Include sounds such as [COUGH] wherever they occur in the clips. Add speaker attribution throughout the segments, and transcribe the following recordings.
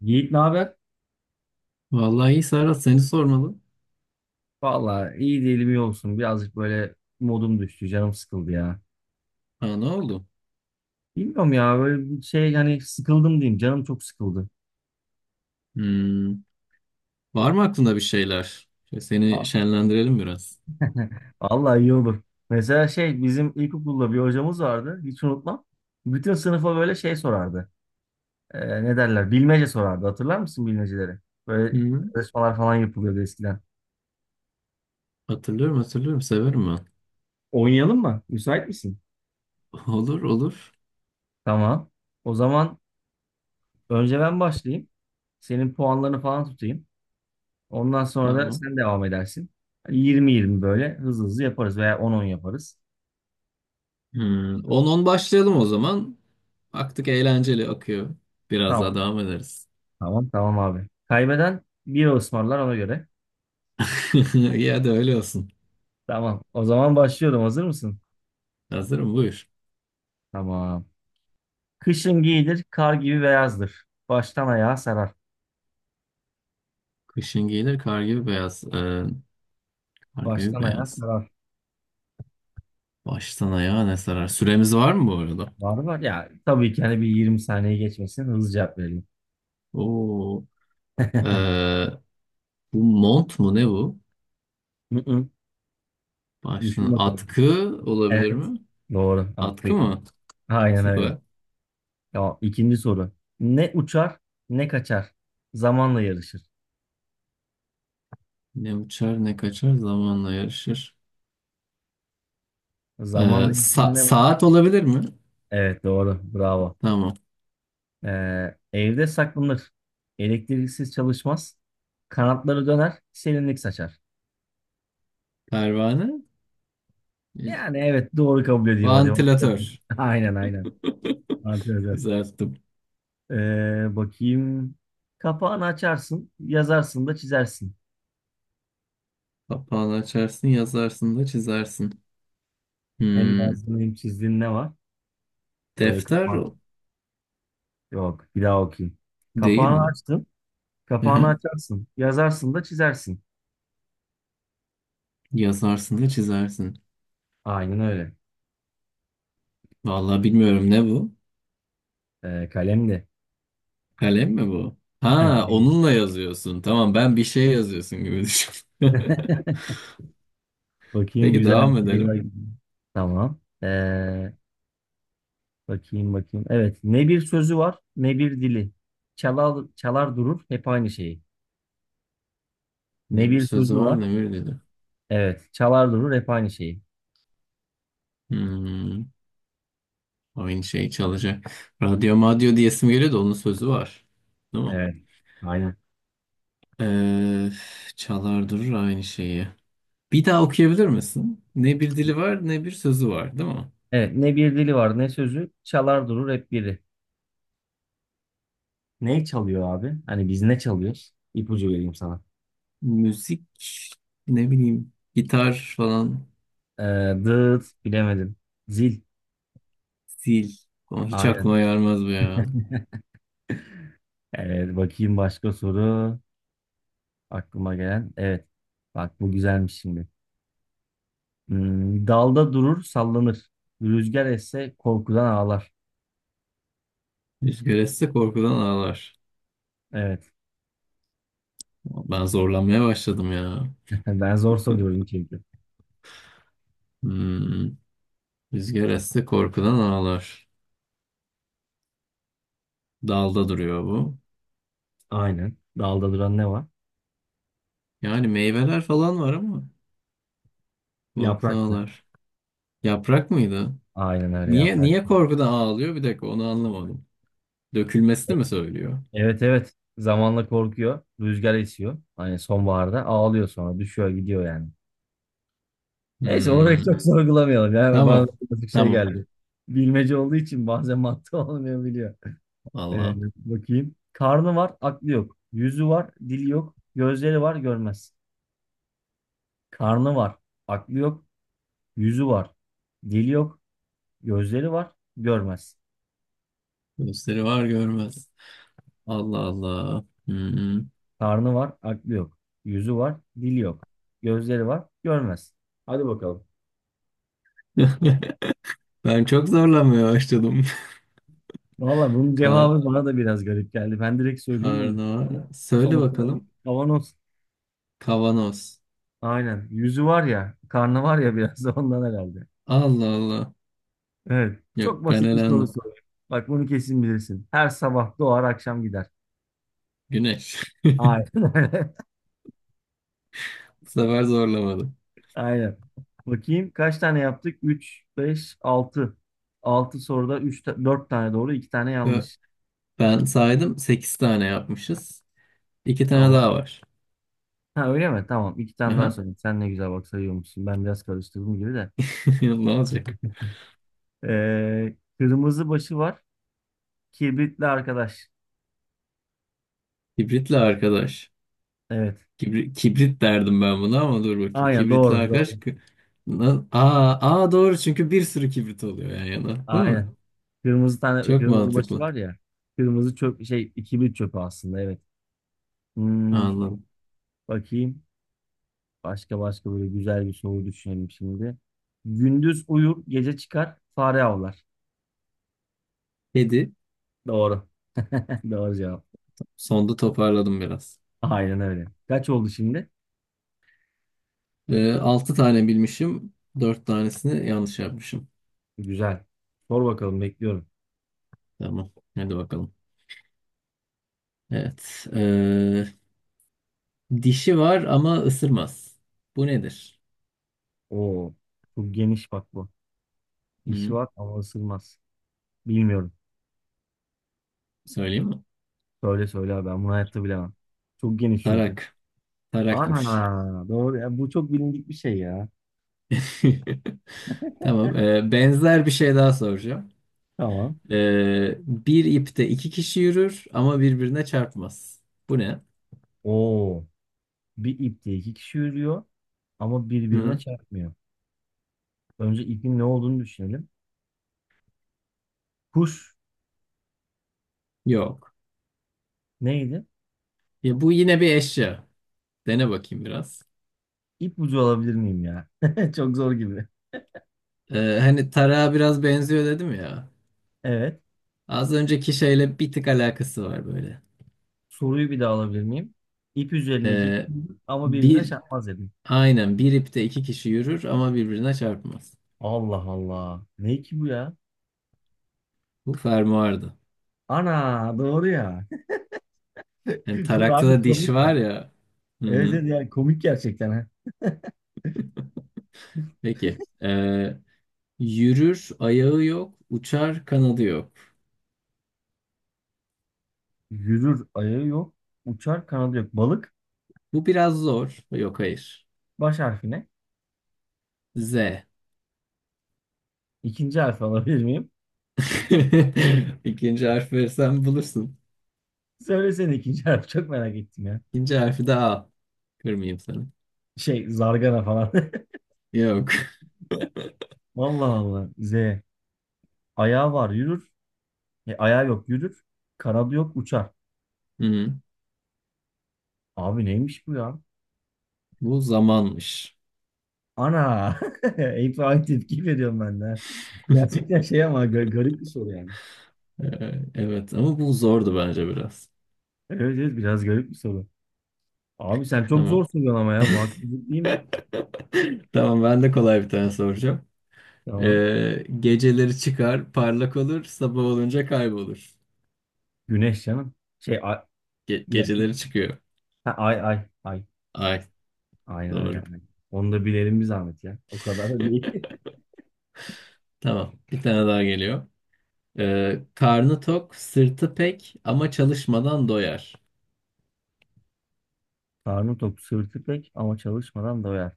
Speaker 1: Yiğit ne haber?
Speaker 2: Vallahi iyi Serhat seni sormalı.
Speaker 1: Valla iyi değilim, iyi olsun. Birazcık böyle modum düştü. Canım sıkıldı ya.
Speaker 2: Ha, ne oldu?
Speaker 1: Bilmiyorum ya, böyle bir şey, hani sıkıldım diyeyim. Canım çok sıkıldı.
Speaker 2: Hmm, Var mı aklında bir şeyler?
Speaker 1: Ha,
Speaker 2: Seni şenlendirelim biraz.
Speaker 1: [LAUGHS] valla iyi olur. Mesela şey, bizim ilkokulda bir hocamız vardı. Hiç unutmam. Bütün sınıfa böyle şey sorardı. Ne derler? Bilmece sorardı. Hatırlar mısın bilmeceleri? Böyle
Speaker 2: Hı.
Speaker 1: yarışmalar falan yapılıyordu eskiden.
Speaker 2: Hatırlıyorum, hatırlıyorum, severim ben.
Speaker 1: Oynayalım mı? Müsait misin?
Speaker 2: [LAUGHS] Olur, olur.
Speaker 1: Tamam. O zaman önce ben başlayayım. Senin puanlarını falan tutayım. Ondan sonra da
Speaker 2: Tamam.
Speaker 1: sen devam edersin. Yirmi yirmi böyle hızlı hızlı yaparız, veya on on yaparız.
Speaker 2: 10 başlayalım o zaman. Baktık eğlenceli akıyor. Biraz daha
Speaker 1: Tamam.
Speaker 2: devam ederiz.
Speaker 1: Tamam tamam abi. Kaybeden bira ısmarlar, ona göre.
Speaker 2: [LAUGHS] Ya da öyle olsun.
Speaker 1: Tamam. O zaman başlıyorum. Hazır mısın?
Speaker 2: Hazırım, buyur.
Speaker 1: Tamam. Kışın giyilir, kar gibi beyazdır. Baştan ayağa sarar.
Speaker 2: Kışın giyilir, kar gibi beyaz. Kar gibi
Speaker 1: Baştan ayağa
Speaker 2: beyaz.
Speaker 1: sarar.
Speaker 2: Baştan ayağa ne sarar? Süremiz var mı bu arada?
Speaker 1: Var var ya. Tabii ki, hani bir 20 saniye geçmesin. Hızlı cevap verelim.
Speaker 2: Oo. Ee, bu mont mu, ne bu?
Speaker 1: Hı hı. Düşün
Speaker 2: Başlığın,
Speaker 1: bakalım.
Speaker 2: atkı olabilir
Speaker 1: Evet.
Speaker 2: mi?
Speaker 1: Doğru.
Speaker 2: Atkı
Speaker 1: Atkıydı.
Speaker 2: mı?
Speaker 1: Aynen öyle.
Speaker 2: Süper.
Speaker 1: Tamam. İkinci soru. Ne uçar, ne kaçar. Zamanla yarışır.
Speaker 2: Ne uçar, ne kaçar, zamanla yarışır. Ee,
Speaker 1: Zamanla insan
Speaker 2: sa-
Speaker 1: ne var?
Speaker 2: saat olabilir mi?
Speaker 1: Evet doğru. Bravo.
Speaker 2: Tamam.
Speaker 1: Evde saklanır. Elektriksiz çalışmaz. Kanatları döner. Serinlik saçar.
Speaker 2: Pervane.
Speaker 1: Yani evet, doğru kabul edeyim hadi.
Speaker 2: Vantilatör.
Speaker 1: [LAUGHS] Aynen aynen.
Speaker 2: [LAUGHS]
Speaker 1: Arkadaşlar.
Speaker 2: Güzel tuttum.
Speaker 1: Bakayım. Kapağını açarsın. Yazarsın da çizersin.
Speaker 2: Kapağını açarsın, yazarsın da çizersin.
Speaker 1: Hem
Speaker 2: Hmm,
Speaker 1: yazdığın hem çizdiğin ne var? Böyle
Speaker 2: defter
Speaker 1: kapağın. Yok. Bir daha okuyayım.
Speaker 2: değil
Speaker 1: Kapağını
Speaker 2: mi?
Speaker 1: açtın.
Speaker 2: Hı
Speaker 1: Kapağını
Speaker 2: hı.
Speaker 1: açarsın. Yazarsın da çizersin.
Speaker 2: Yazarsın da çizersin.
Speaker 1: Aynen öyle.
Speaker 2: Vallahi bilmiyorum ne bu?
Speaker 1: Kalem de.
Speaker 2: Kalem mi bu? Ha, onunla yazıyorsun. Tamam, ben bir şey yazıyorsun gibi düşün. [LAUGHS]
Speaker 1: [LAUGHS] Bakayım,
Speaker 2: Peki,
Speaker 1: güzel
Speaker 2: devam
Speaker 1: bir şey var.
Speaker 2: edelim.
Speaker 1: Tamam. Bakayım. Evet. Ne bir sözü var ne bir dili. Çalar, çalar durur hep aynı şeyi. Ne
Speaker 2: Ne bir
Speaker 1: bir
Speaker 2: sözü
Speaker 1: sözü var.
Speaker 2: var, ne bir dedi.
Speaker 1: Evet. Çalar durur hep aynı şeyi.
Speaker 2: Hmm, aynı şey çalacak. Radyo madyo diyesim geliyor da onun sözü var. Değil mi?
Speaker 1: Evet. Aynen.
Speaker 2: Ee, çalar durur aynı şeyi. Bir daha okuyabilir misin? Ne bir dili var, ne bir sözü var, değil mi?
Speaker 1: Evet. Ne bir dili var ne sözü. Çalar durur hep biri. Ne çalıyor abi? Hani biz ne çalıyoruz? İpucu vereyim sana.
Speaker 2: Müzik, ne bileyim, gitar falan.
Speaker 1: Ee, Dıt, bilemedim. Zil.
Speaker 2: Zil. Ama hiç
Speaker 1: Aynen.
Speaker 2: aklıma gelmez bu ya.
Speaker 1: Evet. Bakayım başka soru. Aklıma gelen. Evet. Bak bu güzelmiş şimdi. Hmm, dalda durur, sallanır. Rüzgar esse korkudan ağlar.
Speaker 2: Rüzgar esse korkudan ağlar.
Speaker 1: Evet.
Speaker 2: Ben zorlanmaya başladım ya.
Speaker 1: [LAUGHS] Ben zor soruyorum çünkü.
Speaker 2: Hmm. Rüzgar esse korkudan ağlar. Dalda duruyor bu.
Speaker 1: Aynen. Dalda duran ne var?
Speaker 2: Yani meyveler falan var ama korkudan
Speaker 1: Yapraktı.
Speaker 2: ağlar. Yaprak mıydı?
Speaker 1: Aynen öyle,
Speaker 2: Niye,
Speaker 1: yaprak.
Speaker 2: niye korkudan ağlıyor? Bir dakika, onu anlamadım.
Speaker 1: E-
Speaker 2: Dökülmesini mi söylüyor?
Speaker 1: Evet evet. Zamanla korkuyor. Rüzgar esiyor. Hani sonbaharda ağlıyor sonra. Düşüyor gidiyor yani. Neyse, orayı
Speaker 2: Hmm,
Speaker 1: çok [LAUGHS] sorgulamayalım. Ya bana
Speaker 2: tamam.
Speaker 1: birazcık şey
Speaker 2: Tamam.
Speaker 1: geldi. Bilmece olduğu için bazen mantığı [LAUGHS] olmayabiliyor. Evet,
Speaker 2: Allah.
Speaker 1: bakayım. Karnı var, aklı yok. Yüzü var, dili yok. Gözleri var, görmez. Karnı var, aklı yok, yüzü var. Dili yok, gözleri var, görmez.
Speaker 2: Gösteri var, görmez. Allah Allah. Hmm.
Speaker 1: Karnı var, aklı yok. Yüzü var, dili yok. Gözleri var, görmez. Hadi bakalım.
Speaker 2: [LAUGHS] Ben çok zorlanmaya başladım.
Speaker 1: Valla bunun
Speaker 2: [LAUGHS] Kar,
Speaker 1: cevabı bana da biraz garip geldi. Ben direkt söyleyeyim bunu.
Speaker 2: karnı söyle
Speaker 1: Son sırayı
Speaker 2: bakalım.
Speaker 1: kavanoz.
Speaker 2: Kavanoz.
Speaker 1: Aynen. Yüzü var ya, karnı var ya, biraz da ondan herhalde.
Speaker 2: Allah Allah.
Speaker 1: Evet. Çok
Speaker 2: Yok, ben
Speaker 1: basit bir soru
Speaker 2: elendim.
Speaker 1: soruyorum. Bak bunu kesin bilirsin. Her sabah doğar, akşam gider.
Speaker 2: Güneş. [LAUGHS]
Speaker 1: Aynen öyle.
Speaker 2: Bu sefer zorlamadı.
Speaker 1: Aynen. Bakayım kaç tane yaptık? 3, 5, 6. 6 soruda 3, 4 tane doğru, 2 tane
Speaker 2: Ya,
Speaker 1: yanlış.
Speaker 2: ben saydım 8 tane yapmışız. 2 tane
Speaker 1: Tamam.
Speaker 2: daha var.
Speaker 1: Ha öyle mi? Tamam. 2 tane daha
Speaker 2: Aha.
Speaker 1: söyleyeyim. Sen ne güzel bak sayıyormuşsun. Ben biraz karıştırdım gibi de.
Speaker 2: [LAUGHS] Ne olacak?
Speaker 1: Kırmızı başı var. Kibritli arkadaş.
Speaker 2: Kibritli arkadaş.
Speaker 1: Evet.
Speaker 2: Kibrit derdim ben buna ama dur bakayım.
Speaker 1: Aynen
Speaker 2: Kibritli
Speaker 1: doğru doğru.
Speaker 2: arkadaş aa, aa, doğru, çünkü bir sürü kibrit oluyor yan yana. Değil mi?
Speaker 1: Aynen. Kırmızı tane,
Speaker 2: Çok
Speaker 1: kırmızı başı
Speaker 2: mantıklı.
Speaker 1: var ya. Kırmızı çöp, şey, kibrit çöpü aslında, evet. Hmm,
Speaker 2: Anladım.
Speaker 1: bakayım. Başka başka, böyle güzel bir soru düşünelim şimdi. Gündüz uyur, gece çıkar, fare avlar.
Speaker 2: Kedi.
Speaker 1: Doğru. [LAUGHS] Doğru cevap.
Speaker 2: Sonda toparladım biraz.
Speaker 1: Aynen öyle. Kaç oldu şimdi?
Speaker 2: 6 tane bilmişim. 4 tanesini yanlış yapmışım.
Speaker 1: Güzel. Sor bakalım, bekliyorum.
Speaker 2: Tamam. Hadi bakalım. Evet. Dişi var ama ısırmaz. Bu nedir?
Speaker 1: Oo, çok geniş bak bu. Dişi
Speaker 2: Hı,
Speaker 1: var ama ısırmaz. Bilmiyorum.
Speaker 2: söyleyeyim mi?
Speaker 1: Söyle söyle abi, ben bunu hayatta bilemem. Çok geniş çünkü.
Speaker 2: Tarak. Tarakmış.
Speaker 1: Ana doğru. Ya bu çok bilindik bir şey ya.
Speaker 2: [LAUGHS] Tamam. Benzer bir şey daha soracağım.
Speaker 1: Tamam.
Speaker 2: Bir ipte iki kişi yürür ama birbirine çarpmaz. Bu ne?
Speaker 1: Oo, bir ipte iki kişi yürüyor ama birbirine
Speaker 2: Hı?
Speaker 1: çarpmıyor. Önce ipin ne olduğunu düşünelim. Kuş.
Speaker 2: Yok.
Speaker 1: Neydi?
Speaker 2: Ya, bu yine bir eşya. Dene bakayım biraz.
Speaker 1: İpucu alabilir miyim ya? [LAUGHS] Çok zor gibi.
Speaker 2: Hani tarağa biraz benziyor dedim ya.
Speaker 1: Evet.
Speaker 2: Az önceki şeyle bir tık alakası var böyle.
Speaker 1: Soruyu bir daha alabilir miyim? İp üzerinde iki kişi
Speaker 2: E,
Speaker 1: ama birbirine
Speaker 2: bir
Speaker 1: çarpmaz dedim.
Speaker 2: aynen bir ipte iki kişi yürür ama birbirine çarpmaz.
Speaker 1: Allah Allah. Ne ki bu ya?
Speaker 2: Bu fermuardı.
Speaker 1: Ana doğru ya.
Speaker 2: Hem
Speaker 1: [LAUGHS]
Speaker 2: tarakta
Speaker 1: Abi
Speaker 2: da diş
Speaker 1: komik
Speaker 2: var
Speaker 1: ya.
Speaker 2: ya.
Speaker 1: Evet,
Speaker 2: Hı.
Speaker 1: evet, yani komik gerçekten. Ha.
Speaker 2: Peki. Yürür, ayağı yok, uçar, kanadı yok.
Speaker 1: Yürür ayağı yok. Uçar kanadı yok. Balık
Speaker 2: Bu biraz zor. Yok, hayır.
Speaker 1: baş harfine.
Speaker 2: Z.
Speaker 1: İkinci harfi alabilir miyim?
Speaker 2: [LAUGHS] İkinci harf verirsen bulursun.
Speaker 1: Söylesene ikinci harfi. Çok merak ettim ya.
Speaker 2: İkinci harfi de A. Kırmayayım seni.
Speaker 1: Şey, zargana falan.
Speaker 2: Yok.
Speaker 1: [LAUGHS] Allah Allah. Z. Ayağı var yürür. E, ayağı yok yürür. Kanadı yok uçar.
Speaker 2: Hı.
Speaker 1: Abi neymiş bu ya?
Speaker 2: Bu zamanmış.
Speaker 1: Ana! [LAUGHS] Hep aynı tepki veriyorum ben de. Ha. Gerçekten şey ama garip bir soru yani.
Speaker 2: Evet ama bu zordu bence biraz.
Speaker 1: Evet evet, biraz garip bir soru. Abi sen çok zor
Speaker 2: Tamam.
Speaker 1: soruyorsun ama ya, bu haksızlık değil mi?
Speaker 2: [LAUGHS] Tamam, ben de kolay bir tane soracağım.
Speaker 1: Tamam.
Speaker 2: Geceleri çıkar, parlak olur, sabah olunca kaybolur.
Speaker 1: Güneş canım. Şey, ay,
Speaker 2: Ge-
Speaker 1: bir
Speaker 2: geceleri
Speaker 1: dakika.
Speaker 2: çıkıyor.
Speaker 1: Ha, ay ay ay.
Speaker 2: Ay,
Speaker 1: Aynen öyle.
Speaker 2: doğru.
Speaker 1: Aynen. Onu da bilelim bir zahmet ya. O kadar da değil. [LAUGHS]
Speaker 2: Tamam, bir tane daha geliyor. Karnı tok, sırtı pek ama çalışmadan doyar.
Speaker 1: Karnı tok, sırtı pek ama çalışmadan doyar.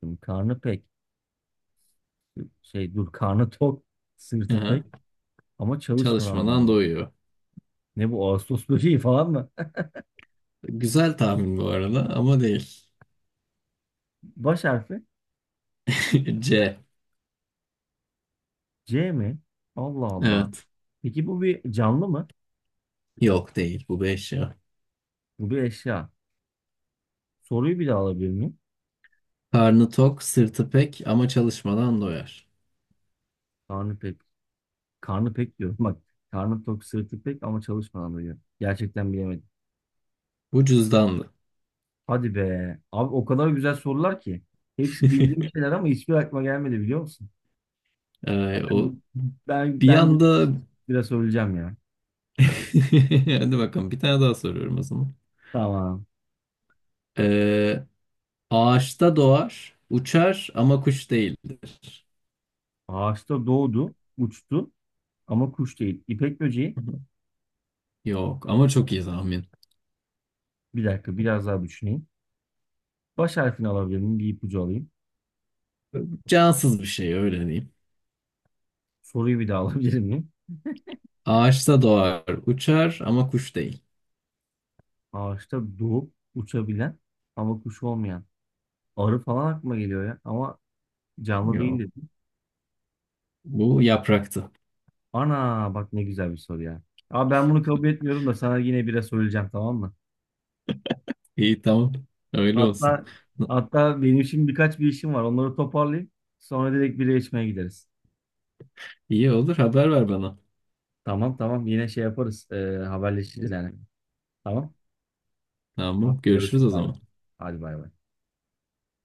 Speaker 1: Şimdi karnı pek. Şey dur, karnı tok, sırtı pek
Speaker 2: Aha,
Speaker 1: ama çalışmadan
Speaker 2: çalışmadan
Speaker 1: doyar.
Speaker 2: doyuyor.
Speaker 1: Ne bu, Ağustos böceği falan mı? [LAUGHS]
Speaker 2: Güzel tahmin bu arada ama değil.
Speaker 1: Baş harfi
Speaker 2: [LAUGHS] C.
Speaker 1: C mi? Allah Allah.
Speaker 2: Evet.
Speaker 1: Peki bu bir canlı mı?
Speaker 2: Yok, değil bu beş ya.
Speaker 1: Bu bir eşya. Soruyu bir daha alabilir miyim?
Speaker 2: Karnı tok, sırtı pek ama çalışmadan doyar.
Speaker 1: Karnı pek. Karnı pek diyorum. Bak, karnı tok sırtı pek ama çalışmadan diyor. Gerçekten bilemedim.
Speaker 2: Bu cüzdanlı. [LAUGHS]
Speaker 1: Hadi be. Abi o kadar güzel sorular ki. Hepsi bildiğim şeyler ama hiçbir aklıma gelmedi biliyor musun?
Speaker 2: Ee,
Speaker 1: Yani
Speaker 2: o
Speaker 1: Ben
Speaker 2: bir
Speaker 1: ben bunu
Speaker 2: anda.
Speaker 1: biraz söyleyeceğim ya.
Speaker 2: [LAUGHS] Hadi bakalım, bir tane daha soruyorum o zaman.
Speaker 1: Tamam.
Speaker 2: Ee, ağaçta doğar, uçar ama kuş değildir.
Speaker 1: Ağaçta doğdu, uçtu ama kuş değil. İpek böceği.
Speaker 2: Yok ama çok iyi tahmin.
Speaker 1: Bir dakika, biraz daha düşüneyim. Baş harfini alabilir miyim? Bir ipucu alayım.
Speaker 2: Cansız bir şey, öyle diyeyim.
Speaker 1: Soruyu bir daha [LAUGHS] alabilir miyim?
Speaker 2: Ağaçta doğar, uçar ama kuş değil.
Speaker 1: Ağaçta doğup uçabilen ama kuş olmayan. Arı falan aklıma geliyor ya. Ama canlı değil
Speaker 2: Yok.
Speaker 1: dedim.
Speaker 2: Bu yapraktı.
Speaker 1: Ana bak, ne güzel bir soru ya. Abi ben bunu kabul etmiyorum, da sana yine bire söyleyeceğim tamam mı?
Speaker 2: İyi, tamam. Öyle olsun.
Speaker 1: Hatta hatta benim şimdi birkaç bir işim var. Onları toparlayayım. Sonra direkt bire içmeye gideriz.
Speaker 2: İyi olur, haber ver bana.
Speaker 1: Tamam tamam, yine şey yaparız. Haberleşiriz yani. Tamam.
Speaker 2: Tamam,
Speaker 1: Hadi
Speaker 2: görüşürüz o
Speaker 1: görüşürüz abi.
Speaker 2: zaman.
Speaker 1: Hadi bay bay.